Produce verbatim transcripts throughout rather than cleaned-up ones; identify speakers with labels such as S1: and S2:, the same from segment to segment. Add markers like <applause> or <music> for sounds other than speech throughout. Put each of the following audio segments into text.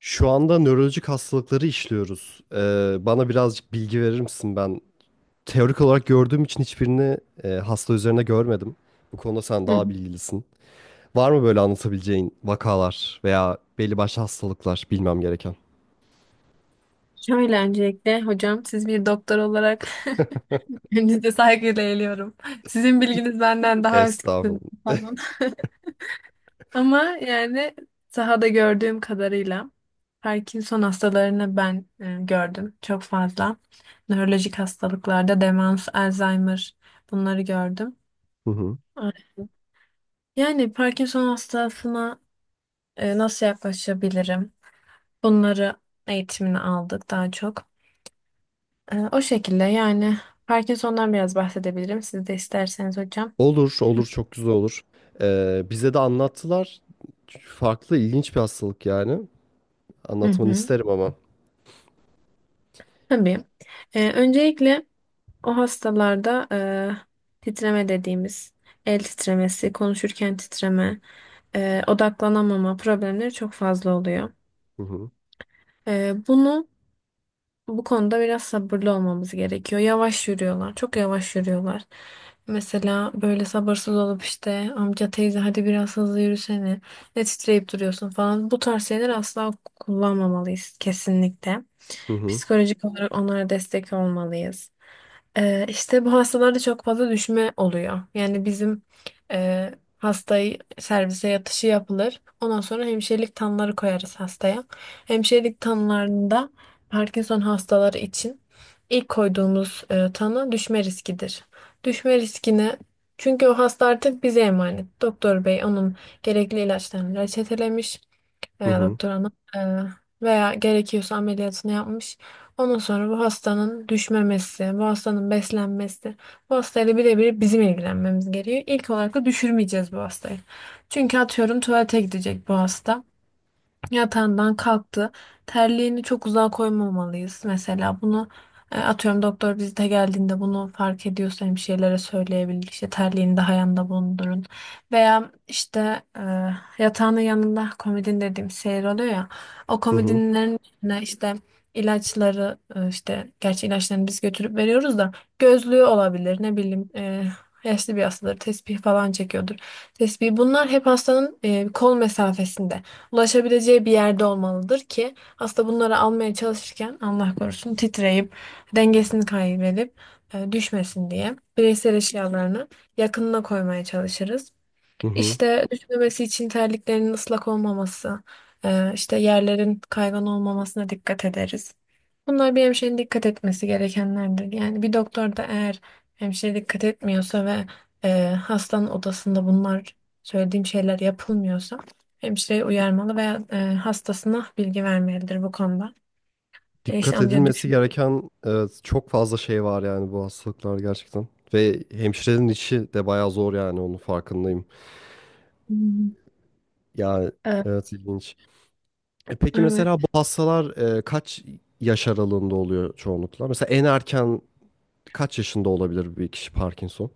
S1: Şu anda nörolojik hastalıkları işliyoruz. Ee, bana birazcık bilgi verir misin? Ben teorik olarak gördüğüm için hiçbirini e, hasta üzerine görmedim. Bu konuda sen
S2: Hı hı.
S1: daha bilgilisin. Var mı böyle anlatabileceğin vakalar veya belli başlı hastalıklar bilmem gereken?
S2: Şöyle öncelikle hocam, siz bir doktor olarak <laughs> önünüze saygıyla eğiliyorum. Sizin bilginiz benden daha üstün
S1: Estağfurullah.
S2: falan. <laughs> Ama yani sahada gördüğüm kadarıyla Parkinson hastalarını ben e, gördüm çok fazla. Nörolojik hastalıklarda demans, Alzheimer bunları gördüm.
S1: Hı hı.
S2: Evet. Yani Parkinson hastasına e, nasıl yaklaşabilirim? Bunları eğitimini aldık daha çok. Ee, O şekilde yani Parkinson'dan biraz bahsedebilirim. Siz de isterseniz hocam.
S1: Olur, olur çok güzel olur. Ee, bize de anlattılar. Farklı, ilginç bir hastalık yani.
S2: Hı
S1: Anlatmanı
S2: hı.
S1: isterim ama.
S2: Tabii. Ee, öncelikle o hastalarda e, titreme dediğimiz el titremesi, konuşurken titreme, e, odaklanamama problemleri çok fazla oluyor.
S1: Hı hı.
S2: E, bunu Bu konuda biraz sabırlı olmamız gerekiyor. Yavaş yürüyorlar. Çok yavaş yürüyorlar. Mesela böyle sabırsız olup işte, amca teyze hadi biraz hızlı yürüsene. Ne titreyip duruyorsun falan. Bu tarz şeyler asla kullanmamalıyız kesinlikle.
S1: Hı hı.
S2: Psikolojik olarak onlara destek olmalıyız. Ee, işte bu hastalarda çok fazla düşme oluyor. Yani bizim e, hastayı servise yatışı yapılır. Ondan sonra hemşirelik tanıları koyarız hastaya. Hemşirelik tanılarında Parkinson hastaları için ilk koyduğumuz e, tanı düşme riskidir. Düşme riskine, çünkü o hasta artık bize emanet. Doktor bey onun gerekli ilaçlarını reçetelemiş
S1: Hı
S2: veya
S1: hı.
S2: doktor hanım e, veya gerekiyorsa ameliyatını yapmış. Ondan sonra bu hastanın düşmemesi, bu hastanın beslenmesi, bu hastayla birebir bizim ilgilenmemiz gerekiyor. İlk olarak da düşürmeyeceğiz bu hastayı. Çünkü atıyorum tuvalete gidecek bu hasta, yatağından kalktı. Terliğini çok uzağa koymamalıyız mesela. Bunu e, atıyorum doktor vizite geldiğinde bunu fark ediyorsa hemşirelere söyleyebilir. İşte terliğini daha yanında bulundurun. Veya işte e, yatağının yanında komodin dediğim şey oluyor ya. O
S1: Hı hı.
S2: komodinlerin içine işte ilaçları, e, işte gerçi ilaçlarını biz götürüp veriyoruz da, gözlüğü olabilir, ne bileyim, e, yaşlı bir hastadır tesbih falan çekiyordur. Tesbih, bunlar hep hastanın e, kol mesafesinde ulaşabileceği bir yerde olmalıdır ki aslında bunları almaya çalışırken Allah korusun titreyip dengesini kaybedip e, düşmesin diye bireysel eşyalarını yakınına koymaya çalışırız.
S1: Hı hı.
S2: İşte düşmemesi için terliklerin ıslak olmaması, e, işte yerlerin kaygan olmamasına dikkat ederiz. Bunlar bir hemşirenin dikkat etmesi gerekenlerdir. Yani bir doktor da eğer hemşire dikkat etmiyorsa ve e, hastanın odasında bunlar, söylediğim şeyler yapılmıyorsa hemşireyi uyarmalı veya e, hastasına bilgi vermelidir bu konuda. E, işte
S1: Dikkat
S2: amca
S1: edilmesi
S2: düşme.
S1: gereken e, çok fazla şey var yani bu hastalıklar gerçekten. Ve hemşirenin işi de bayağı zor yani onun farkındayım.
S2: Hmm.
S1: Yani
S2: E,
S1: evet, ilginç. E, peki
S2: Evet.
S1: mesela bu hastalar e, kaç yaş aralığında oluyor çoğunlukla? Mesela en erken kaç yaşında olabilir bir kişi Parkinson?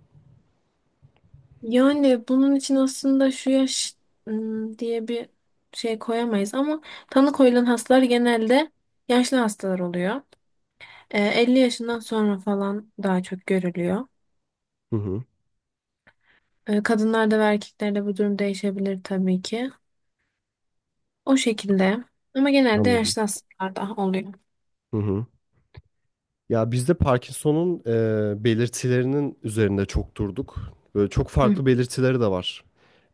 S2: Yani bunun için aslında şu yaş ım, diye bir şey koyamayız, ama tanı koyulan hastalar genelde yaşlı hastalar oluyor. Ee, elli yaşından sonra falan daha çok görülüyor.
S1: Hı hı,
S2: Ee, kadınlarda ve erkeklerde bu durum değişebilir tabii ki. O şekilde, ama genelde
S1: anladım.
S2: yaşlı hastalarda oluyor.
S1: Hı hı. Ya biz de Parkinson'un e, belirtilerinin üzerinde çok durduk. Böyle çok
S2: Hı
S1: farklı belirtileri de var.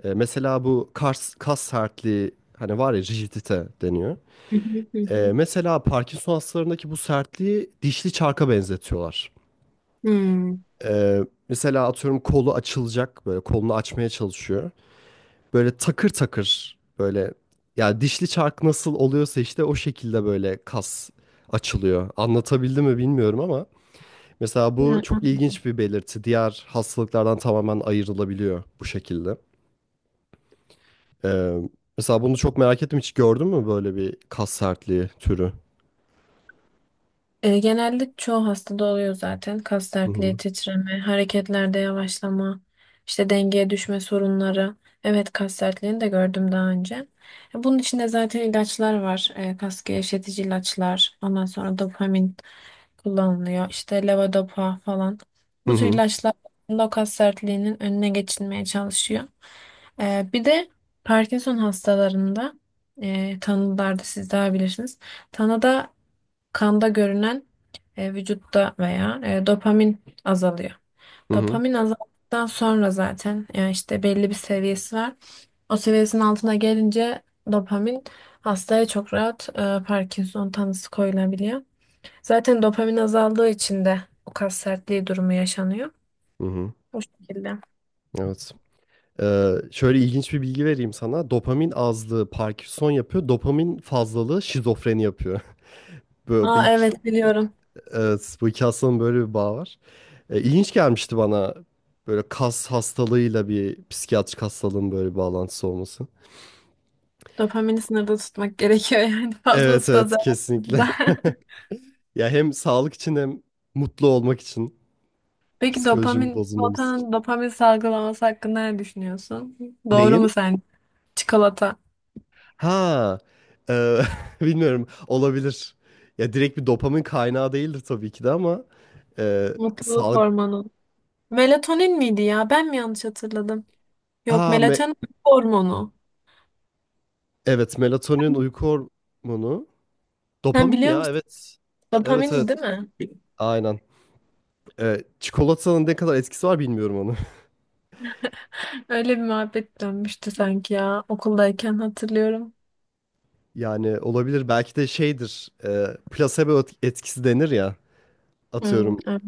S1: E, mesela bu kas, kas sertliği hani var ya, rigidite deniyor.
S2: hı hı hı.
S1: E,
S2: Hı.
S1: mesela Parkinson hastalarındaki bu sertliği dişli çarka benzetiyorlar.
S2: Hmm.
S1: E, Mesela atıyorum kolu açılacak, böyle kolunu açmaya çalışıyor. Böyle takır takır böyle, ya dişli çark nasıl oluyorsa işte o şekilde böyle kas açılıyor. Anlatabildim mi bilmiyorum ama. Mesela bu
S2: Yani
S1: çok ilginç bir belirti. Diğer hastalıklardan tamamen ayrılabiliyor bu şekilde. Ee, Mesela bunu çok merak ettim. Hiç gördün mü böyle bir kas sertliği türü?
S2: E, genelde çoğu hastada oluyor zaten. Kas
S1: Hı
S2: sertliği,
S1: hı.
S2: titreme, hareketlerde yavaşlama, işte dengeye düşme sorunları. Evet, kas sertliğini de gördüm daha önce. E, bunun içinde zaten ilaçlar var. E, kas gevşetici ilaçlar. Ondan sonra dopamin kullanılıyor. İşte levodopa falan.
S1: Hı
S2: Bu tür
S1: hı.
S2: ilaçlar aslında o kas sertliğinin önüne geçilmeye çalışıyor. E, bir de Parkinson hastalarında e, tanılarda siz daha bilirsiniz. Tanıda, kanda görünen, e, vücutta veya e, dopamin azalıyor.
S1: Hı hı.
S2: Dopamin azaldıktan sonra zaten, yani işte belli bir seviyesi var. O seviyesinin altına gelince dopamin, hastaya çok rahat e, Parkinson tanısı koyulabiliyor. Zaten dopamin azaldığı için de o kas sertliği durumu yaşanıyor.
S1: Hı hı.
S2: Bu şekilde.
S1: Evet. Ee, şöyle ilginç bir bilgi vereyim sana. Dopamin azlığı Parkinson yapıyor. Dopamin fazlalığı şizofreni yapıyor. <laughs> Böyle bu
S2: Aa
S1: iki,
S2: evet, biliyorum.
S1: evet, bu iki hastalığın böyle bir bağı var. Ee, ilginç gelmişti bana böyle kas hastalığıyla bir psikiyatrik hastalığın böyle bir bağlantısı olması.
S2: Dopamini sınırda tutmak gerekiyor yani <laughs>
S1: Evet
S2: fazlası da
S1: evet,
S2: zararlı
S1: kesinlikle.
S2: da.
S1: <laughs>
S2: <laughs>
S1: Ya hem sağlık için hem mutlu olmak için,
S2: Peki
S1: psikolojim
S2: dopamin,
S1: bozulmamız için.
S2: çikolatanın dopamin salgılaması hakkında ne düşünüyorsun? Doğru mu
S1: Neyin?
S2: sence? Çikolata.
S1: Ha, e, <laughs> bilmiyorum, olabilir. Ya direkt bir dopamin kaynağı değildir tabii ki de ama e,
S2: Mutluluk
S1: sağlık.
S2: hormonu. Melatonin miydi ya? Ben mi yanlış hatırladım? Yok,
S1: Ha, me-
S2: melatonin hormonu.
S1: evet melatonin uyku hormonu.
S2: Sen
S1: Dopamin
S2: biliyor
S1: ya,
S2: musun?
S1: evet. Evet
S2: Dopamin
S1: evet,
S2: değil mi?
S1: aynen. E, çikolatanın ne kadar etkisi var bilmiyorum onu. <laughs>
S2: Öyle bir muhabbet dönmüştü sanki ya, okuldayken hatırlıyorum.
S1: Yani olabilir, belki de şeydir, e, plasebo et- etkisi denir ya,
S2: Hmm,
S1: atıyorum.
S2: evet.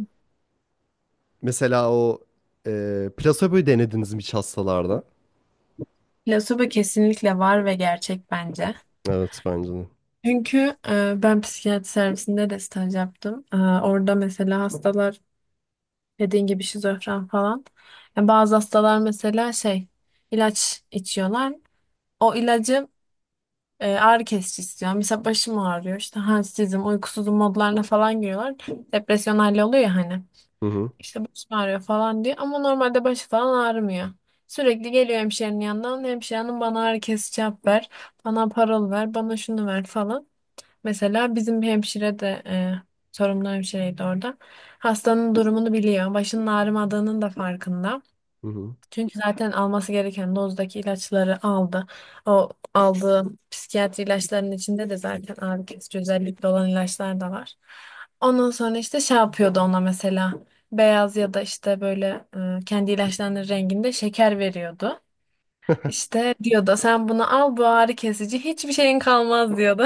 S1: Mesela o e, plasebo'yu denediniz mi hiç hastalarda?
S2: Plasebo kesinlikle var ve gerçek bence.
S1: Evet bence de.
S2: Çünkü e, ben psikiyatri servisinde de staj yaptım. E, orada mesela hastalar, dediğin gibi şizofren falan. Yani bazı hastalar mesela şey, ilaç içiyorlar. O ilacı, e, ağrı kesici istiyor. Mesela başım ağrıyor. İşte halsizim, uykusuzum modlarına falan giriyorlar. Depresyon hali oluyor ya hani.
S1: Hı hı.
S2: İşte başım ağrıyor falan diye. Ama normalde başı falan ağrımıyor. Sürekli geliyor hemşirenin yanından. Hemşirenin bana ağrı kesici yap ver. Bana parol ver. Bana şunu ver falan. Mesela bizim bir hemşire de e, sorumlu hemşireydi orada. Hastanın durumunu biliyor. Başının ağrımadığının da farkında.
S1: Hı hı.
S2: Çünkü zaten alması gereken dozdaki ilaçları aldı. O aldığı psikiyatri ilaçlarının içinde de zaten ağrı kesici özellikle olan ilaçlar da var. Ondan sonra işte şey yapıyordu ona mesela. Beyaz ya da işte böyle e, kendi ilaçlarının renginde şeker veriyordu.
S1: <laughs>
S2: İşte diyordu sen bunu al bu ağrı kesici, hiçbir şeyin kalmaz diyordu.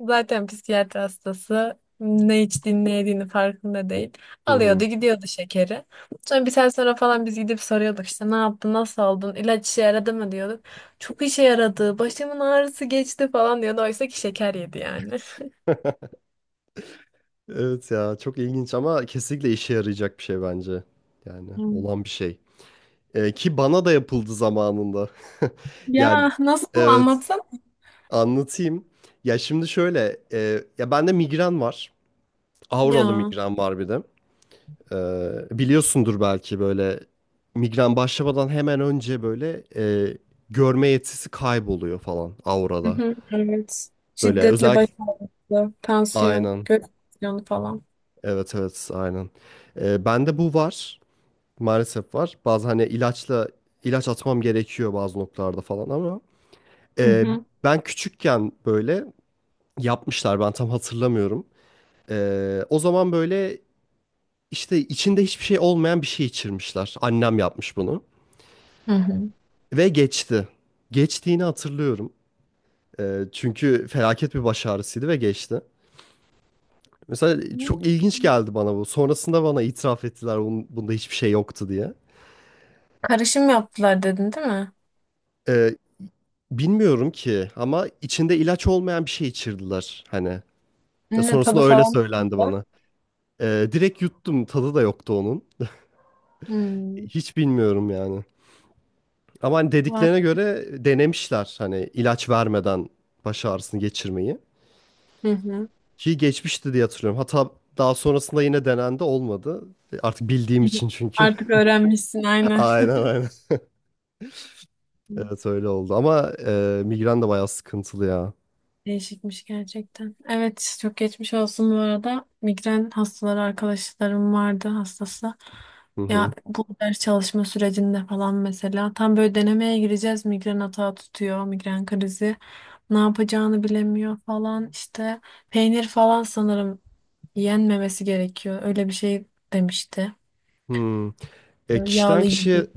S2: Zaten psikiyatri hastası ne içtiğini ne yediğini farkında değil.
S1: Hı hı.
S2: Alıyordu gidiyordu şekeri. Sonra bir sene sonra falan biz gidip soruyorduk işte ne yaptın, nasıl oldun, ilaç işe yaradı mı diyorduk. Çok işe yaradı, başımın ağrısı geçti falan diyordu. Oysa ki şeker yedi yani.
S1: Evet ya, çok ilginç ama kesinlikle işe yarayacak bir şey bence. Yani
S2: Hmm.
S1: olan bir şey. Ee, ki bana da yapıldı zamanında. <laughs> Yani
S2: Ya nasıl,
S1: evet,
S2: anlatsana?
S1: anlatayım. Ya şimdi şöyle, e, ya bende migren var. Auralı
S2: Ya.
S1: migren var bir de. Ee, biliyorsundur belki, böyle migren başlamadan hemen önce böyle e, görme yetisi kayboluyor falan
S2: Hı
S1: aurada.
S2: hı, evet.
S1: Böyle
S2: Şiddetli
S1: özel,
S2: baş ağrısı, tansiyon,
S1: aynen.
S2: göğüs tansiyonu falan.
S1: Evet evet, aynen. Ee, bende bu var. Maalesef var. Bazı hani ilaçla ilaç atmam gerekiyor bazı noktalarda falan ama
S2: Hı
S1: e,
S2: hı.
S1: ben küçükken böyle yapmışlar, ben tam hatırlamıyorum. Ee, o zaman böyle işte içinde hiçbir şey olmayan bir şey içirmişler. Annem yapmış bunu.
S2: Hı hı.
S1: Ve geçti. Geçtiğini hatırlıyorum. Ee, çünkü felaket bir baş ağrısıydı ve geçti. Mesela çok ilginç geldi bana bu. Sonrasında bana itiraf ettiler bunun, bunda hiçbir şey yoktu diye.
S2: Karışım yaptılar dedin değil mi?
S1: Ee, Bilmiyorum ki ama içinde ilaç olmayan bir şey içirdiler hani. Ya
S2: Ne tadı
S1: sonrasında öyle
S2: falan.
S1: söylendi bana. Ee, direkt yuttum, tadı da yoktu onun.
S2: Hmm,
S1: Hiç bilmiyorum yani. Ama hani
S2: var.
S1: dediklerine göre denemişler, hani ilaç vermeden baş ağrısını geçirmeyi.
S2: Hı hı.
S1: Ki geçmişti diye hatırlıyorum. Hatta daha sonrasında yine denendi, olmadı. E, Artık bildiğim için çünkü.
S2: Artık öğrenmişsin,
S1: <laughs>
S2: aynen.
S1: Aynen aynen.
S2: Hı.
S1: Evet öyle oldu. Ama e, migren de bayağı sıkıntılı ya.
S2: Değişikmiş gerçekten. Evet, çok geçmiş olsun bu arada. Migren hastaları arkadaşlarım vardı hastası.
S1: Hı
S2: Ya
S1: hı.
S2: bu ders çalışma sürecinde falan mesela tam böyle denemeye gireceğiz, migren atağı tutuyor, migren krizi. Ne yapacağını bilemiyor falan işte. Peynir falan sanırım yenmemesi gerekiyor. Öyle bir şey demişti.
S1: Hmm. E, kişiden
S2: Yağlı
S1: kişiye
S2: yedi.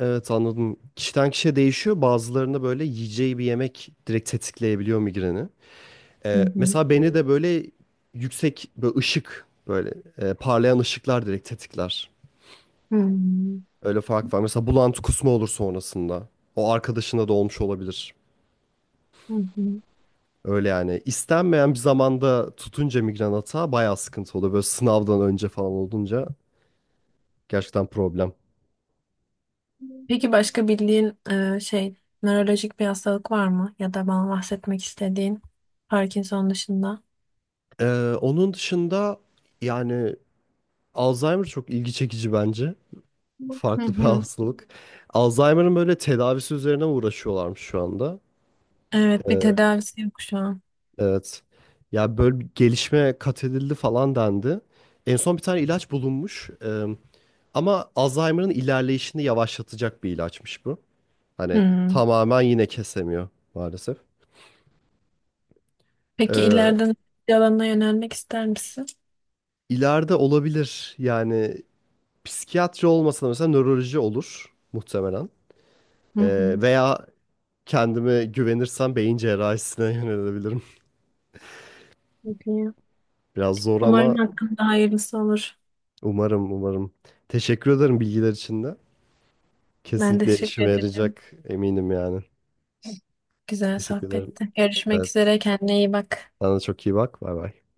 S1: evet anladım. Kişiden kişiye değişiyor. Bazılarında böyle yiyeceği bir yemek direkt tetikleyebiliyor migreni.
S2: Hı
S1: E,
S2: hı.
S1: mesela beni de böyle yüksek böyle ışık, böyle e, parlayan ışıklar direkt tetikler.
S2: Hı hı.
S1: Öyle fark var. Mesela bulantı kusma olur sonrasında. O arkadaşında da olmuş olabilir.
S2: Hı hı.
S1: Öyle yani, istenmeyen bir zamanda tutunca migren atağı bayağı sıkıntı oluyor. Böyle sınavdan önce falan olunca gerçekten problem.
S2: Peki başka bildiğin e, şey nörolojik bir hastalık var mı? Ya da bana bahsetmek istediğin Parkinson dışında.
S1: Ee, onun dışında yani Alzheimer çok ilgi çekici bence.
S2: Hı
S1: Farklı bir <laughs>
S2: hı.
S1: hastalık. Alzheimer'ın böyle tedavisi üzerine uğraşıyorlarmış şu anda.
S2: Evet, bir
S1: Ee,
S2: tedavisi yok şu an.
S1: evet. Ya böyle bir gelişme kat edildi falan dendi. En son bir tane ilaç bulunmuş. Ee, ama Alzheimer'ın ilerleyişini yavaşlatacak bir ilaçmış bu. Hani
S2: Hı.
S1: tamamen yine kesemiyor maalesef.
S2: Peki
S1: Ee,
S2: ileride hangi alana yönelmek ister misin?
S1: ileride olabilir yani, psikiyatri olmasa da mesela nöroloji olur muhtemelen.
S2: Hı
S1: Ee,
S2: hı.
S1: veya kendime güvenirsem beyin cerrahisine <laughs> yönelebilirim.
S2: Peki.
S1: Biraz zor
S2: Umarım
S1: ama
S2: hakkında hayırlısı olur.
S1: umarım umarım. Teşekkür ederim bilgiler için de.
S2: Ben de
S1: Kesinlikle
S2: teşekkür
S1: işime
S2: ederim.
S1: yarayacak, eminim yani.
S2: Güzel
S1: Teşekkür ederim.
S2: sohbetti. Görüşmek
S1: Evet,
S2: üzere. Kendine iyi bak.
S1: sana da çok iyi bak. Bay bay.